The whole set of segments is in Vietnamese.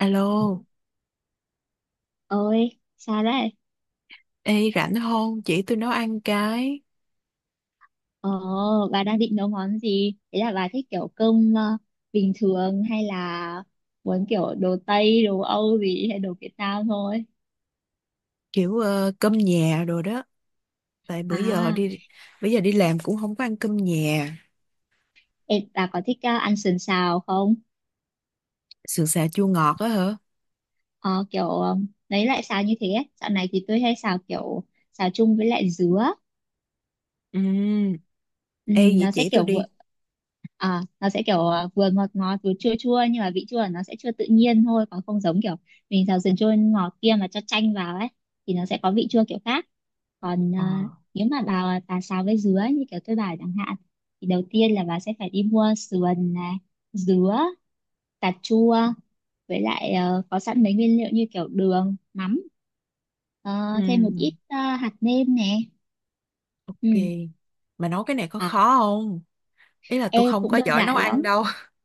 Alo, Ôi, sao đấy? ê rảnh không? Chỉ tôi nấu ăn cái Ồ, bà đang định nấu món gì? Thế là bà thích kiểu cơm bình thường hay là muốn kiểu đồ Tây, đồ Âu gì hay đồ Việt Nam thôi? kiểu cơm nhà rồi đó. Tại À, bữa giờ đi làm cũng không có ăn cơm nhà. ê, bà có thích ăn sườn xào không? Sườn xào chua ngọt á hả? Ờ, kiểu lấy lại xào như thế ấy. Dạo này thì tôi hay xào kiểu xào chung với lại dứa. Ừ, Ừ, ê vậy nó sẽ chỉ tôi kiểu vừa đi. Nó sẽ kiểu vừa ngọt ngọt vừa chua chua, nhưng mà vị chua của nó sẽ chưa tự nhiên thôi, còn không giống kiểu mình xào sườn chua ngọt kia mà cho chanh vào ấy, thì nó sẽ có vị chua kiểu khác. Còn Ờ, nếu mà bà xào với dứa như kiểu tôi bảo chẳng hạn, thì đầu tiên là bà sẽ phải đi mua sườn này, dứa, cà chua, với lại có sẵn mấy nguyên liệu như kiểu đường, mắm, ờ, thêm một ừ, ít hạt nêm nè. Ừ. ok. Mà nấu cái này có À. khó không? Ý là tôi Ê, không cũng có đơn giỏi nấu giản ăn lắm, đâu.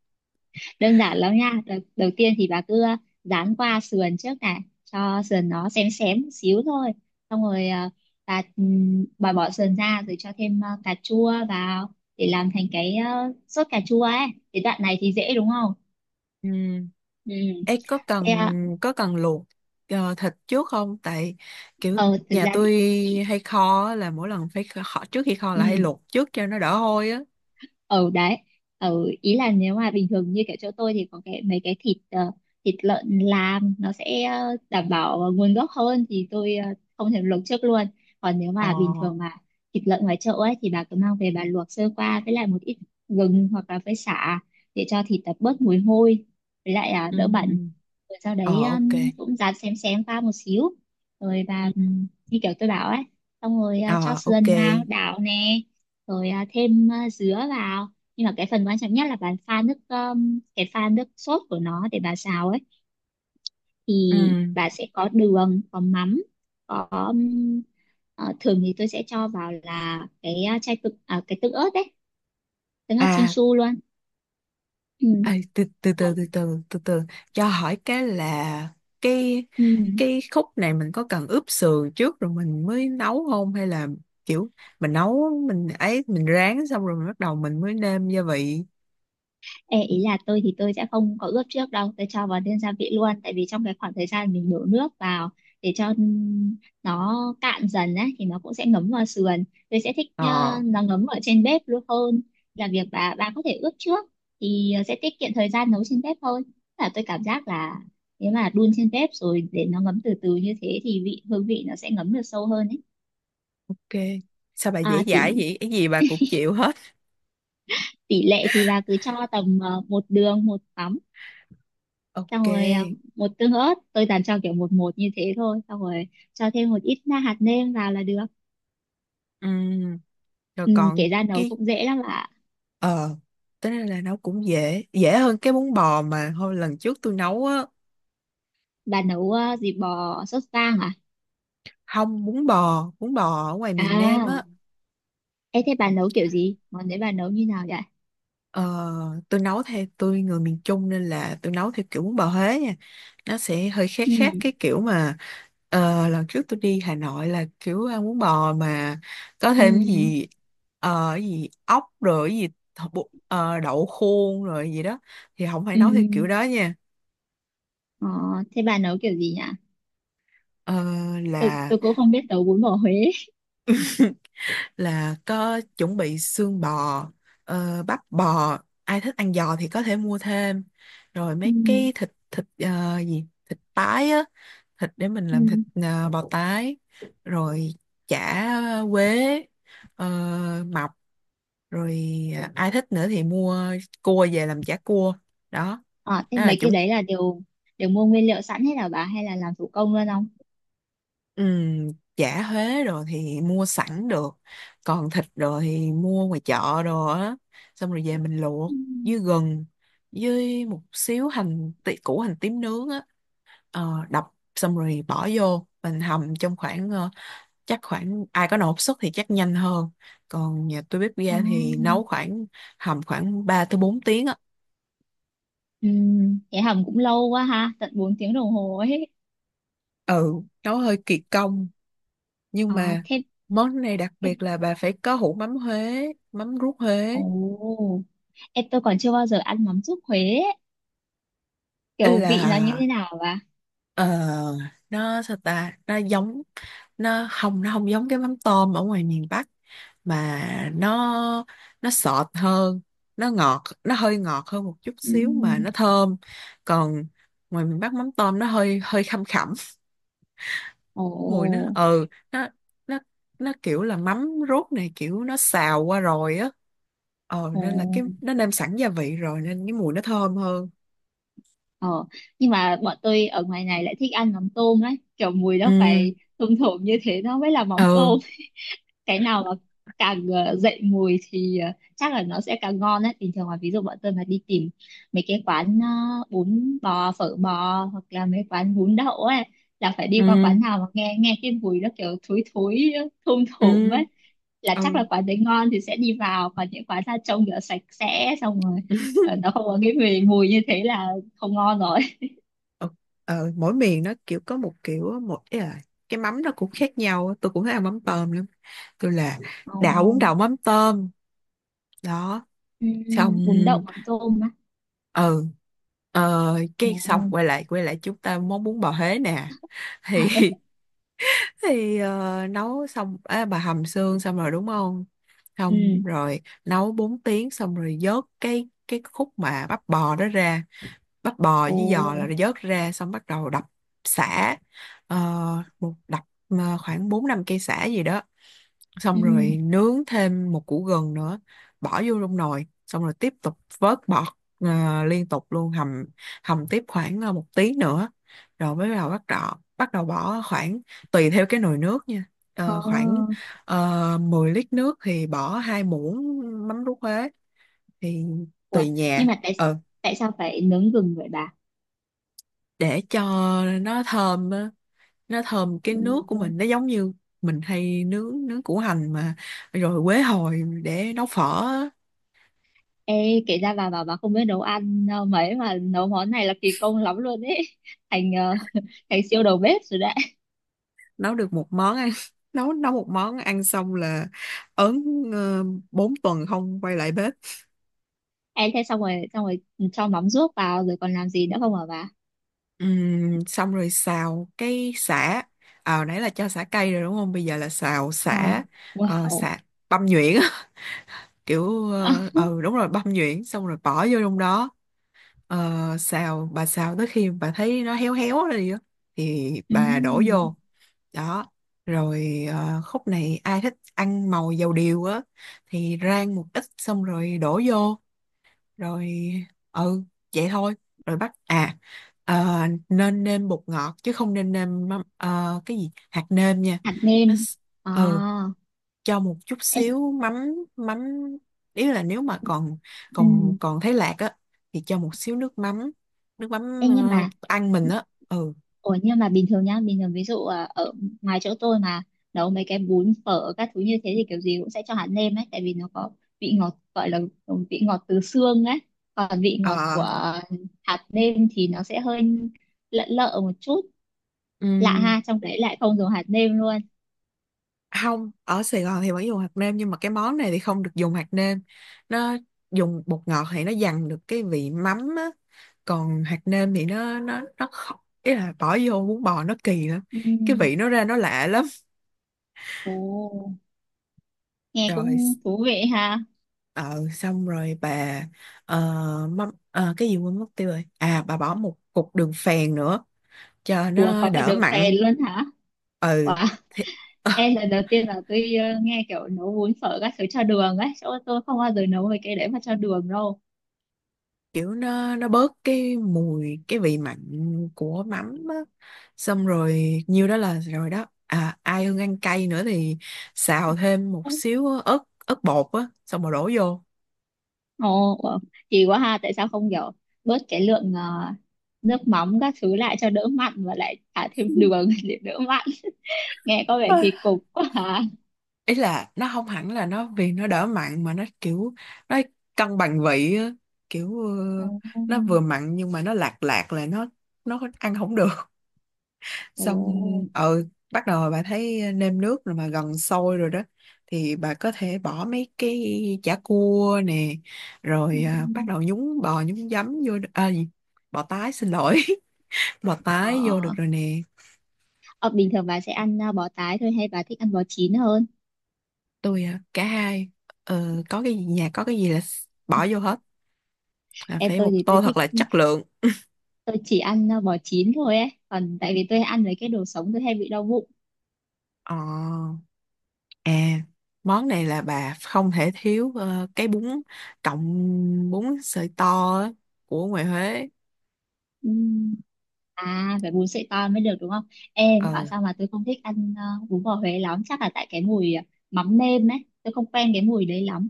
đơn giản lắm nha. Đầu tiên thì bà cứ dán qua sườn trước này cho sườn nó xém xém một xíu thôi, xong rồi bà bỏ sườn ra rồi cho thêm cà chua vào để làm thành cái sốt cà chua ấy. Cái đoạn này thì dễ đúng không. Ừ. Ừ. Ê Thế có cần luộc thịt trước không? Tại kiểu ờ, thực nhà ra tôi thì hay kho á, là mỗi lần phải kho trước khi kho ừ. là hay luộc trước cho nó đỡ hôi á. Ở đấy, ở ý là nếu mà bình thường như kiểu chỗ tôi thì có cái mấy cái thịt thịt lợn làm nó sẽ đảm bảo nguồn gốc hơn, thì tôi không thèm luộc trước luôn. Còn nếu Ờ. mà bình thường mà thịt lợn ngoài chợ ấy thì bà cứ mang về bà luộc sơ qua với lại một ít gừng hoặc là với sả, để cho thịt bớt mùi hôi với lại Ừ. đỡ bẩn, rồi sau Ờ, đấy ok. Cũng dám xém xém qua một xíu, rồi Ừ. và như kiểu tôi bảo ấy, xong rồi cho Ờ, ok. sườn vào đảo nè, rồi thêm dứa vào. Nhưng mà cái phần quan trọng nhất là bà pha nước cái pha nước sốt của nó để bà xào ấy, thì Ừ. bà sẽ có đường, có mắm, có thường thì tôi sẽ cho vào là cái chai tự cái tương ớt đấy, tương ớt À, Chinsu luôn. Ừ. à từ, từ từ Sau- từ từ từ từ cho hỏi cái là cái Ừ. cái khúc này mình có cần ướp sườn trước rồi mình mới nấu không, hay là kiểu mình rán xong rồi mình bắt đầu mình mới nêm gia vị. Ê, ý là tôi thì tôi sẽ không có ướp trước đâu, tôi cho vào thiên gia vị luôn, tại vì trong cái khoảng thời gian mình đổ nước vào để cho nó cạn dần á, thì nó cũng sẽ ngấm vào sườn. Tôi sẽ thích Ờ, nó ngấm ở trên bếp luôn hơn là việc bà có thể ướp trước, thì sẽ tiết kiệm thời gian nấu trên bếp hơn. Là tôi cảm giác là nếu mà đun trên bếp rồi để nó ngấm từ từ như thế thì vị hương vị nó sẽ ngấm được sâu hơn ấy. ok. Sao bà À, dễ tỷ dãi vậy? Cái gì bà cũng chịu hết. tỷ lệ thì là cứ cho tầm một đường một mắm, xong Ok. rồi một tương ớt, tôi toàn cho kiểu một một như thế thôi, xong rồi cho thêm một ít na hạt nêm vào là được. Ừ. Rồi Ừ, kể còn ra nấu cái cũng dễ lắm ạ. Ờ, tính ra là nấu cũng dễ, dễ hơn cái bún bò mà hồi lần trước tôi nấu á, Bà nấu gì bò sốt vang à? không bún bò, bún bò ở ngoài miền Nam À, á, ê thế bà nấu kiểu gì, món đấy bà nấu như nào vậy? ờ, tôi nấu theo tôi người miền Trung nên là tôi nấu theo kiểu bún bò Huế nha, nó sẽ hơi khác khác Ừ. cái kiểu mà lần trước tôi đi Hà Nội là kiểu ăn bún bò mà có Ừ. thêm cái gì cái gì ốc rồi cái gì đậu khuôn rồi gì đó, thì không phải Ừ. nấu theo kiểu đó nha. Ờ, thế bà nấu kiểu gì nhỉ? Ờ, Tôi là cũng không biết nấu bún bò Huế. là có chuẩn bị xương bò, bắp bò, ai thích ăn giò thì có thể mua thêm, rồi mấy Ừ. cái thịt thịt ờ, gì thịt tái á, thịt để mình làm Ừ. thịt bò tái, rồi chả quế, ờ, mọc, rồi ai thích nữa thì mua cua về làm chả cua đó, Ờ, thế đó là mấy cái chuẩn. đấy là đều, đều mua nguyên liệu sẵn hết là bà hay là làm thủ công luôn không? Ừm, chả thuế rồi thì mua sẵn được, còn thịt rồi thì mua ngoài chợ rồi á, xong rồi về mình luộc Ừ. với gừng, với một xíu hành tí, củ hành tím nướng á, đập xong rồi bỏ vô mình hầm trong khoảng chắc khoảng ai có nồi áp suất thì chắc nhanh hơn, còn nhà tôi bếp Ờ. ga thì nấu khoảng hầm khoảng 3 tới 4 tiếng á, Ừ, vậy hầm cũng lâu quá ha, tận 4 tiếng đồng hồ ấy. ừ, nấu hơi kỳ công nhưng Ờ, mà thế, món này đặc thế biệt là bà phải có hũ mắm Huế, mắm ruốc ồ, Huế. em tôi còn chưa bao giờ ăn mắm ruốc Huế ấy. Kiểu vị nó như thế Là nào và ờ, nó sao ta, nó giống nó không giống cái mắm tôm ở ngoài miền Bắc mà nó nó sọt hơn, nó hơi ngọt hơn một chút ừ. xíu mà nó thơm. Còn ngoài miền Bắc mắm tôm nó hơi hơi khăm khẳm. Mùi nó Ồ, nó nó kiểu là mắm ruốc này kiểu nó xào qua rồi á, ờ ồ, nên là cái nó nêm sẵn gia vị rồi nên cái mùi nó thơm hơn. ờ. Nhưng mà bọn tôi ở ngoài này lại thích ăn mắm tôm ấy, kiểu mùi nó Ừ. phải thum thủm như thế nó mới là mắm Ừ. tôm. Cái nào mà càng dậy mùi thì chắc là nó sẽ càng ngon đấy. Bình thường là ví dụ bọn tôi mà đi tìm mấy cái quán bún bò phở bò hoặc là mấy quán bún đậu ấy, là phải đi qua ừ quán nào mà nghe nghe cái mùi nó kiểu thối thối, thum ừ thủm ấy, là ừ. chắc là quán đấy ngon thì sẽ đi vào. Còn những quán ra trông rửa sạch sẽ xong rồi nó không có cái mùi mùi như thế là không ngon rồi. Ờ, mỗi miền nó kiểu có một kiểu, một ý là cái mắm nó cũng khác nhau á. Tôi cũng thấy ăn mắm tôm lắm, tôi là đảo bún Ồ, đậu mắm tôm đó, ừ, xong bún đậu mắm tôm á. ừ. Ờ, cái xong Ồ. Quay lại chúng ta món bún bò Huế nè, thì thì nấu xong bà hầm xương xong rồi đúng không, Ừ. xong rồi nấu 4 tiếng xong rồi vớt cái khúc mà bắp bò đó ra, bắt bò với giò là Ồ. vớt ra xong bắt đầu đập sả. Ờ, một đập khoảng 4 5 cây sả gì đó, Ừ. xong rồi nướng thêm một củ gừng nữa, bỏ vô trong nồi xong rồi tiếp tục vớt bọt, liên tục luôn hầm, hầm tiếp khoảng một tí nữa, rồi mới bắt đầu bỏ khoảng tùy theo cái nồi nước nha. Ờ. Ờ, khoảng 10 lít nước thì bỏ 2 muỗng mắm ruốc Huế thì Ủa, tùy nhưng nhà. mà tại, Ờ, tại sao phải nướng gừng vậy bà? để cho nó thơm á, nó thơm cái nước của Ừ. mình nó giống như mình hay nướng nướng củ hành mà, rồi quế hồi để nấu phở á. Ê, kể ra bà bảo bà không biết nấu ăn mấy mà nấu món này là kỳ công lắm luôn ấy. Thành thành siêu đầu bếp rồi đấy. Nấu được một món ăn nấu nấu một món ăn xong là ớn, ờ, 4 tuần không quay lại bếp. Ê, thế xong rồi, xong rồi cho mắm ruốc vào rồi còn làm gì nữa không hả bà? Xong rồi xào cái sả, à, nãy là cho sả cay rồi đúng không, bây giờ là xào Ờ, sả. Wow. Sả băm nhuyễn á. Kiểu đúng rồi, băm nhuyễn xong rồi bỏ vô trong đó. Ờ, xào, bà xào tới khi bà thấy nó héo héo rồi á thì bà đổ Ừm, vô đó. Rồi khúc này ai thích ăn màu dầu điều á thì rang một ít xong rồi đổ vô. Rồi ừ, vậy thôi. Rồi bắt ờ, nên nêm bột ngọt chứ không nên nêm mắm- ờ, cái gì hạt nêm nha. hạt nó nêm. s- À, ừ, cho một chút ê, xíu mắm mắm, ý là nếu mà còn còn ừm, còn thấy lạc á thì cho một xíu nước ê, mắm nhưng mà ăn mình á. Ừ. ủa nhưng mà bình thường nhá, bình thường ví dụ ở ngoài chỗ tôi mà nấu mấy cái bún phở các thứ như thế thì kiểu gì cũng sẽ cho hạt nêm ấy, tại vì nó có vị ngọt gọi là vị ngọt từ xương ấy, còn vị ngọt Ờ, của hạt nêm thì nó sẽ hơi lợn lợ một chút, lạ ừ, ha, trong đấy lại không dùng hạt nêm luôn. không ở Sài Gòn thì vẫn dùng hạt nêm nhưng mà cái món này thì không được dùng hạt nêm. Nó dùng bột ngọt thì nó dằn được cái vị mắm á, còn hạt nêm thì nó không, ý là bỏ vô bún bò nó kỳ lắm, cái Ừm. vị nó ra nó lạ lắm. Ồ, nghe Rồi cũng thú vị ha. ờ xong rồi bà ờ, mắm ờ, cái gì quên mất tiêu rồi, à bà bỏ một cục đường phèn nữa cho Ủa có nó cả đỡ đường mặn. phèn luôn hả? Ừ, Wow. thì Em lần đầu tiên là tôi nghe kiểu nấu bún phở các thứ cho đường ấy, chỗ tôi không bao giờ nấu mấy cái đấy mà cho đường đâu. kiểu nó bớt cái mùi, cái vị mặn của mắm á. Xong rồi nhiêu đó là rồi đó, à ai ưng ăn cay nữa thì xào thêm một xíu ớt ớt bột á xong rồi đổ vô. Ồ, wow. Kỳ quá ha, tại sao không kiểu bớt cái lượng nước mắm các thứ lại cho đỡ mặn và lại thả thêm đường để đỡ mặn. Nghe có vẻ Ôi, kỳ cục quá hả? ý là nó không hẳn là nó vì nó đỡ mặn mà nó kiểu nó cân bằng vị á, kiểu Ồ. nó vừa mặn nhưng mà nó lạc lạc là nó ăn không được. Xong Ồ. ừ, bắt đầu bà thấy nêm nước rồi mà gần sôi rồi đó thì bà có thể bỏ mấy cái chả cua nè, rồi à, bắt Ừm. đầu nhúng bò nhúng giấm vô đ- à, gì? Bò tái xin lỗi, bò tái vô được Ờ. rồi nè. Ờ, bình thường bà sẽ ăn bò tái thôi hay bà thích ăn bò chín hơn? Tôi cả hai, có cái gì nhà có cái gì là bỏ vô hết, là Em phải tôi một thì tôi tô thích, thật là chất lượng. tôi chỉ ăn bò chín thôi ấy, còn tại vì tôi ăn với cái đồ sống tôi hay bị đau bụng. ờ à Món này là bà không thể thiếu cái bún, cọng bún sợi to á, của ngoài Huế. À, phải bún sợi to mới được đúng không? Ờ. Em bảo sao mà tôi không thích ăn bún bò Huế lắm, chắc là tại cái mùi mắm nêm ấy, tôi không quen cái mùi đấy lắm.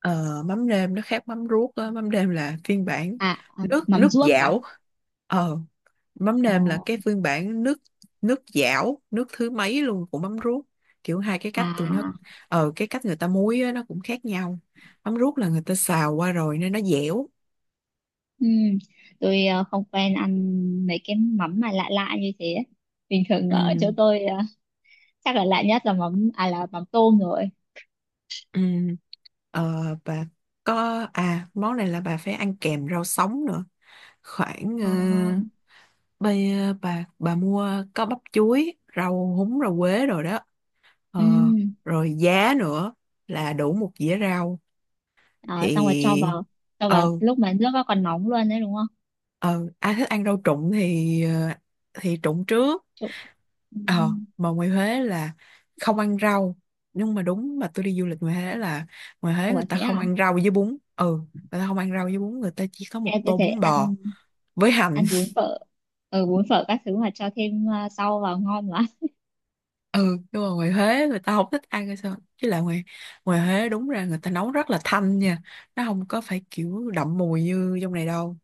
Ờ, mắm nêm nó khác mắm ruốc á. Mắm nêm là phiên bản À, à nước mắm nước ruốc à? dảo, ờ mắm Ồ, nêm là cái phiên bản nước nước dảo, nước thứ mấy luôn của mắm ruốc. Kiểu hai cái cách tụi nó, à, ờ cái cách người ta muối á, nó cũng khác nhau. Mắm ruốc là người ta xào qua rồi nên nó dẻo. ừm, tôi không quen ăn mấy cái mắm mà lạ lạ như thế ấy. Bình thường Ừ. ở chỗ tôi chắc là lạ nhất là mắm à, là mắm tôm rồi. Ừ. Ờ, bà có món này là bà phải ăn kèm rau sống nữa, khoảng ờ, Ờ, bây ờ, bà mua, có bắp chuối, rau húng, rau quế rồi đó. Ờ, ừm. rồi giá nữa là đủ một dĩa rau Đó, xong rồi cho thì vào, cho ờ. vào lúc mà nước nó còn nóng luôn đấy đúng không? Ờ, ai thích ăn rau trụng thì thì trụng trước. Trụng. Ờ Ừm. mà ngoài Huế là không ăn rau, nhưng mà đúng mà tôi đi du lịch ngoài Huế là ngoài Huế người Ủa ta thế không à? ăn rau với bún ừ, người ta không ăn rau với bún, người ta chỉ có một Em có tô thể bún ăn, bò với hành. ăn bún phở, ừ, bún phở các thứ mà cho thêm rau vào ngon lắm. Ừ, nhưng mà ngoài Huế người ta không thích ăn hay sao chứ, là ngoài ngoài Huế đúng ra người ta nấu rất là thanh nha, nó không có phải kiểu đậm mùi như trong này đâu.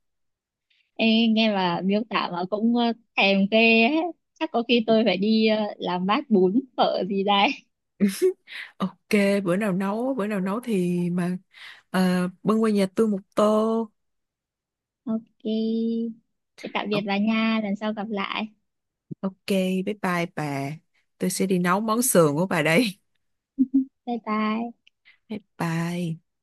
Ê, nghe mà miêu tả mà cũng thèm ghê ấy. Chắc có khi tôi phải đi làm bát bún phở gì đấy. Ok, bữa nào nấu thì mà bưng qua nhà tôi một tô. Ok, thế tạm biệt bà nha, lần sau gặp lại. Ok, bye bye bà. Tôi sẽ đi nấu món sườn của bà đây. Bye bye. Bye bye.